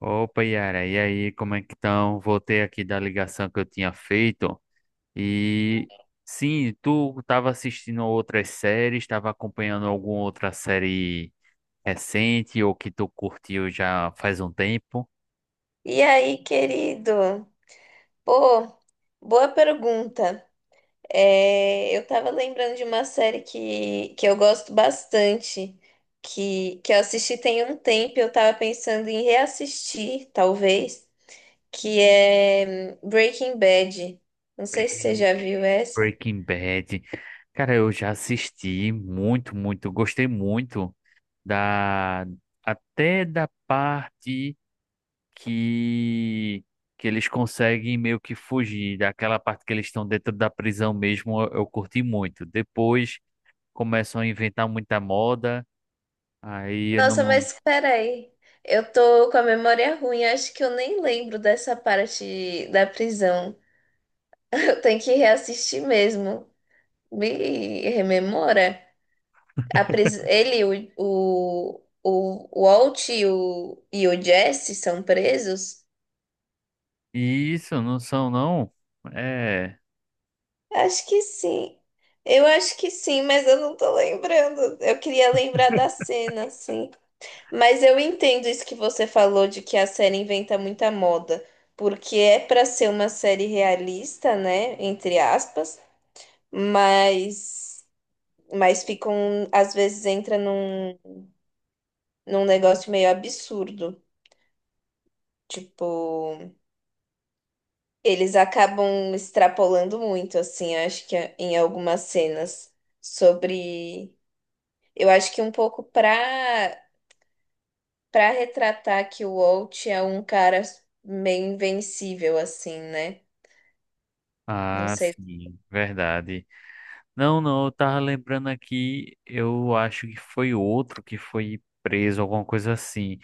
Opa, Yara, e aí, como é que estão? Voltei aqui da ligação que eu tinha feito. E sim, tu estava assistindo outras séries, estava acompanhando alguma outra série recente ou que tu curtiu já faz um tempo? E aí, querido? Pô, boa pergunta. É, eu tava lembrando de uma série que eu gosto bastante, que eu assisti tem um tempo, e eu tava pensando em reassistir, talvez, que é Breaking Bad. Não sei se você já viu essa. Breaking Bad. Cara, eu já assisti muito, muito, gostei muito da até da parte. que que eles conseguem meio que fugir daquela parte que eles estão dentro da prisão mesmo, eu curti muito. Depois começam a inventar muita moda, aí eu Nossa, não. mas peraí. Eu tô com a memória ruim, acho que eu nem lembro dessa parte da prisão. Eu tenho que reassistir mesmo. Me rememora. Ele, o Walt e o Jesse são presos? Isso, não são não. É. Acho que sim. Eu acho que sim, mas eu não tô lembrando. Eu queria lembrar da cena, assim. Mas eu entendo isso que você falou de que a série inventa muita moda, porque é pra ser uma série realista, né, entre aspas, mas mas ficam às vezes entra num negócio meio absurdo, tipo. Eles acabam extrapolando muito, assim, acho que em algumas cenas sobre. Eu acho que um pouco pra retratar que o Walt é um cara meio invencível, assim, né? Não Ah, sei. sim, verdade. Não, não, eu tava lembrando aqui, eu acho que foi outro que foi preso, alguma coisa assim.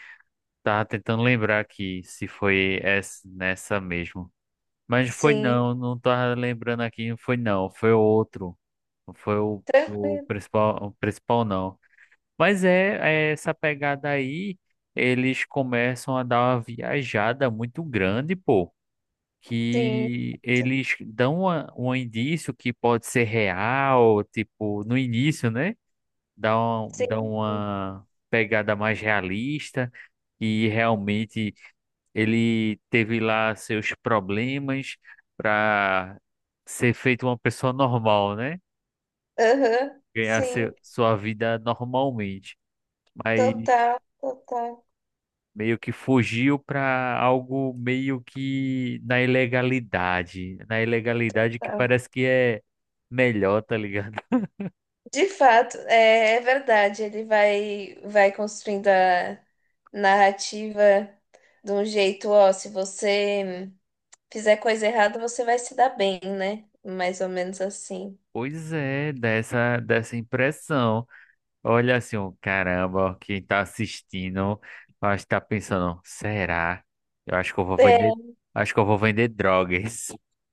Tava tentando lembrar aqui se foi essa, nessa mesmo. Mas foi Sim, não, não tava lembrando aqui, foi não, foi o outro. Foi o tranquilo, principal, o principal não. Mas é essa pegada aí, eles começam a dar uma viajada muito grande, pô. sim, Que eles dão um indício que pode ser real, tipo, no início, né? Dá sim, sim, uma pegada mais realista e realmente ele teve lá seus problemas para ser feito uma pessoa normal, né? aham, Ganhar sim, seu, sua vida normalmente, mas total, total. meio que fugiu para algo meio que na ilegalidade que Total. parece que é melhor, tá ligado? De fato, é, é verdade. Vai construindo a narrativa de um jeito, ó, se você fizer coisa errada, você vai se dar bem, né? Mais ou menos assim. Pois é, dessa impressão. Olha assim, ó, caramba, quem tá assistindo, eu acho que tá pensando, será? Eu acho que eu vou vender, É, Acho que eu vou vender drogas.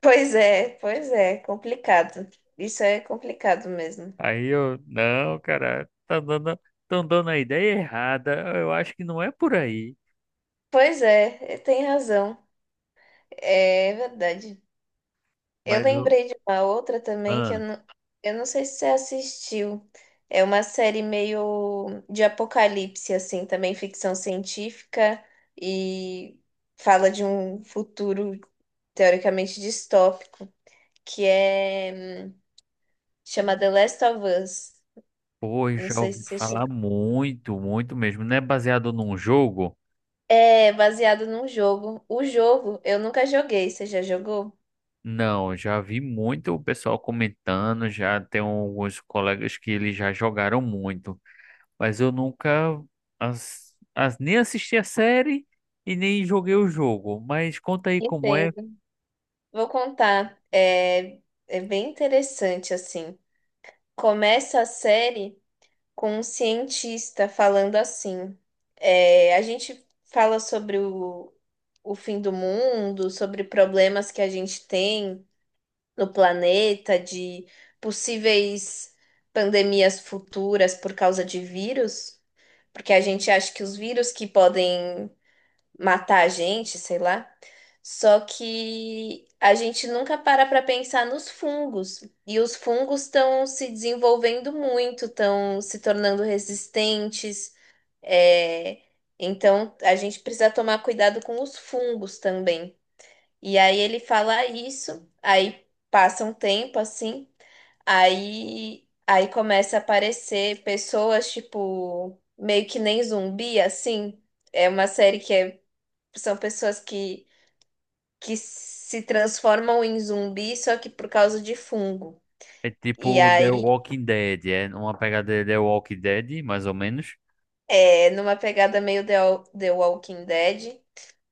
pois é, pois é, complicado. Isso é complicado mesmo. Aí eu, não, cara, tá dando, tão dando a ideia errada. Eu acho que não é por aí. Pois é, é, tem razão. É verdade. Eu Mas lembrei de uma outra também que ah, eu não sei se você assistiu. É uma série meio de apocalipse, assim, também ficção científica e fala de um futuro teoricamente distópico, que é chama The Last of Us. pô, eu Não já sei ouvi se você... falar muito, muito mesmo. Não é baseado num jogo? É baseado num jogo. O jogo eu nunca joguei. Você já jogou? Não, já vi muito o pessoal comentando, já tem alguns colegas que eles já jogaram muito. Mas eu nunca nem assisti a série e nem joguei o jogo. Mas conta aí como é. Entendo. Vou contar. É, é bem interessante, assim. Começa a série com um cientista falando assim. É, a gente fala sobre o fim do mundo, sobre problemas que a gente tem no planeta, de possíveis pandemias futuras por causa de vírus, porque a gente acha que os vírus que podem matar a gente, sei lá. Só que a gente nunca para pensar nos fungos. E os fungos estão se desenvolvendo muito, estão se tornando resistentes. É, então a gente precisa tomar cuidado com os fungos também. E aí ele fala isso, aí passa um tempo assim, aí começa a aparecer pessoas, tipo, meio que nem zumbi, assim. É uma série que é são pessoas que se transformam em zumbi, só que por causa de fungo. É E tipo The aí Walking Dead, é uma pegada de The Walking Dead, mais ou menos. é numa pegada meio The Walking Dead,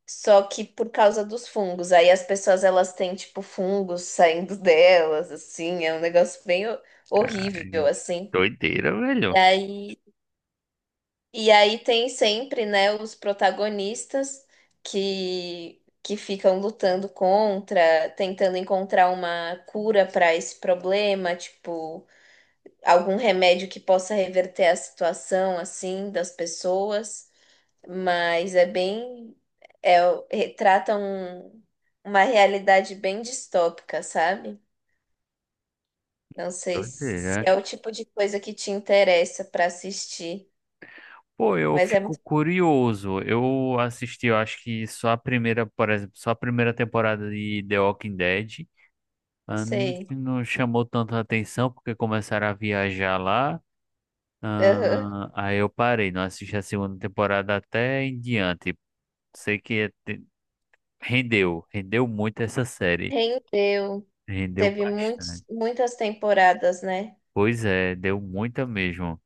só que por causa dos fungos. Aí as pessoas elas têm tipo fungos saindo delas, assim, é um negócio bem horrível Ai, assim. doideira, E velho. aí, e aí tem sempre, né, os protagonistas que que ficam lutando contra, tentando encontrar uma cura para esse problema, tipo algum remédio que possa reverter a situação assim das pessoas, mas é bem é, retrata um- uma realidade bem distópica, sabe? Não sei se Doideira. é o tipo de coisa que te interessa para assistir, Pô, eu mas é fico muito, curioso. Eu assisti, eu acho que só a primeira, por exemplo, só a primeira temporada de The Walking Dead. Ah, não sei. não chamou tanta atenção porque começaram a viajar lá. Aham. Ah, aí eu parei, não assisti a segunda temporada até em diante. Sei que te- Rendeu, rendeu muito essa série. Rendeu, Rendeu teve muitos, bastante. muitas temporadas, né? Pois é, deu muita mesmo.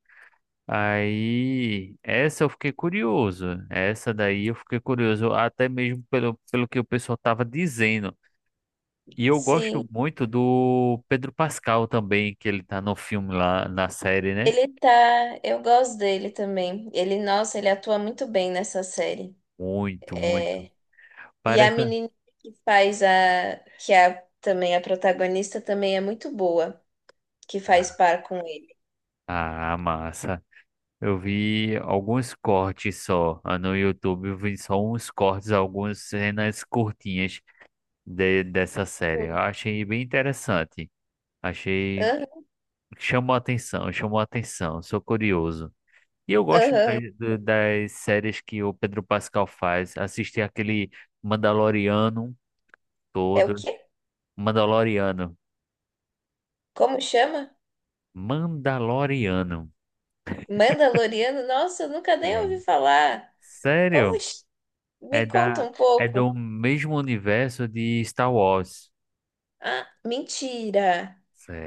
Aí, essa eu fiquei curioso. Essa daí eu fiquei curioso, até mesmo pelo que o pessoal tava dizendo. E eu gosto Sim. muito do Pedro Pascal também, que ele tá no filme lá, na série, né? Ele tá, eu gosto dele também. Ele, nossa, ele atua muito bem nessa série. Muito, muito. E a Parece. menina que faz a, que é também a protagonista, também é muito boa, que faz par com ele. Ah, massa. Eu vi alguns cortes só. Ah, no YouTube eu vi só uns cortes, algumas cenas curtinhas dessa série. Eu Hum. achei bem interessante. Achei. Aham, Chamou a atenção, chamou a atenção. Sou curioso. E eu gosto aham. Das séries que o Pedro Pascal faz. Assisti aquele Mandaloriano É o todo. quê? Mandaloriano. Como chama? Mandaloriano. Mandaloriano? Nossa, eu nunca nem É. ouvi falar. Como... Sério? ch- É Me conta da, um é pouco. do mesmo universo de Star Wars. Ah, mentira.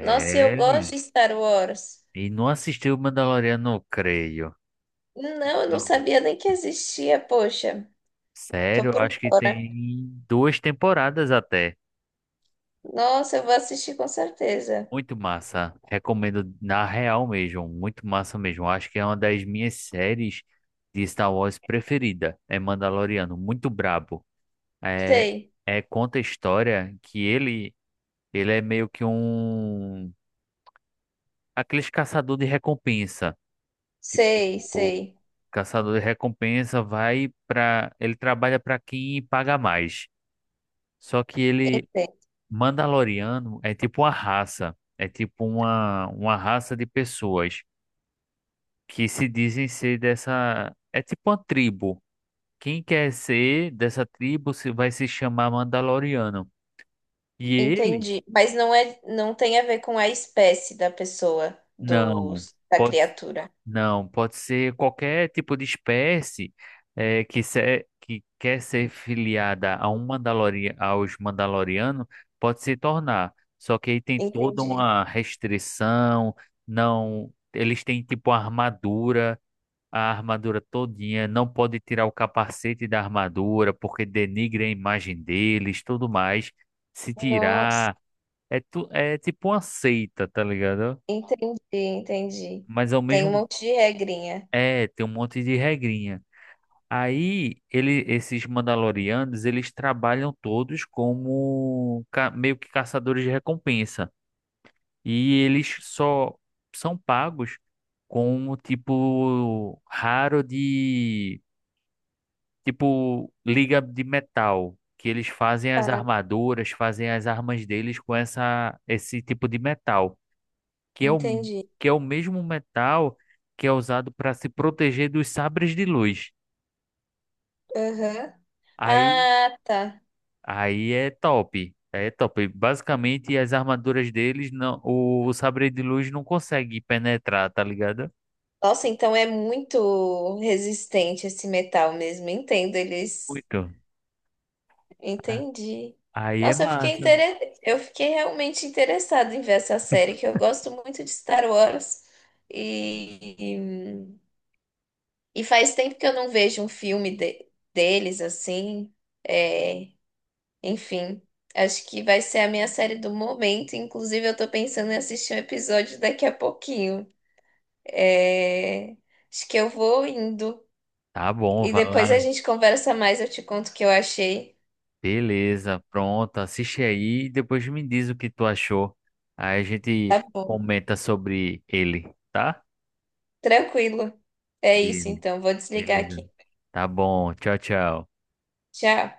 Nossa, eu gosto de Star Wars. E não assistiu o Mandaloriano, não creio. Não, eu não Não. sabia nem que existia, poxa. Tô Sério, eu por acho que fora. tem duas temporadas até. Nossa, eu vou assistir com certeza. Muito massa. Recomendo na real mesmo. Muito massa mesmo. Acho que é uma das minhas séries de Star Wars preferida. É Mandaloriano. Muito brabo. É, Sei, é conta a história que ele é meio que um. Aqueles caçador de recompensa. sei, Tipo. sei. Caçador de recompensa vai para. Ele trabalha para quem paga mais. Só que ele, Mandaloriano, é tipo uma raça. É tipo uma raça de pessoas que se dizem ser dessa. É tipo uma tribo. Quem quer ser dessa tribo se vai se chamar Mandaloriano. E ele, Entendi. Mas não é, não tem a ver com a espécie da pessoa, do, não. da Pode. criatura. Não, pode ser qualquer tipo de espécie que, que quer ser filiada a um aos Mandalorianos pode se tornar. Só que aí tem toda Entendi. uma restrição, não, eles têm tipo a armadura todinha, não pode tirar o capacete da armadura porque denigre a imagem deles, tudo mais. Se Nossa, tirar, é, tu, é tipo uma seita, tá ligado? entendi, entendi. Mas ao Tem um mesmo monte de regrinha. é, tem um monte de regrinha. Aí ele, esses Mandalorianos, eles trabalham todos como meio que caçadores de recompensa. E eles só são pagos com o tipo raro de tipo liga de metal, que eles fazem as Tá, armaduras, fazem as armas deles com essa esse tipo de metal, que é o entendi. que é o mesmo metal que é usado para se proteger dos sabres de luz. Aham. Aí Ah, tá. aí é top. É top. Basicamente, as armaduras deles, não, o sabre de luz não consegue penetrar, tá ligado? Nossa, então é muito resistente esse metal mesmo. Entendo eles. Muito. Ah, Entendi. aí é Nossa, massa. Eu fiquei realmente interessada em ver essa série, que eu gosto muito de Star Wars. E e faz tempo que eu não vejo deles assim. É, enfim, acho que vai ser a minha série do momento. Inclusive, eu tô pensando em assistir um episódio daqui a pouquinho. É, acho que eu vou indo. Tá bom, E vai depois lá. a gente conversa mais, eu te conto o que eu achei. Beleza, pronto. Assiste aí e depois me diz o que tu achou. Aí a gente Tá bom. comenta sobre ele, tá? Tranquilo. É isso, Ele, então. Vou desligar beleza. aqui. Tá bom. Tchau, tchau. Tchau.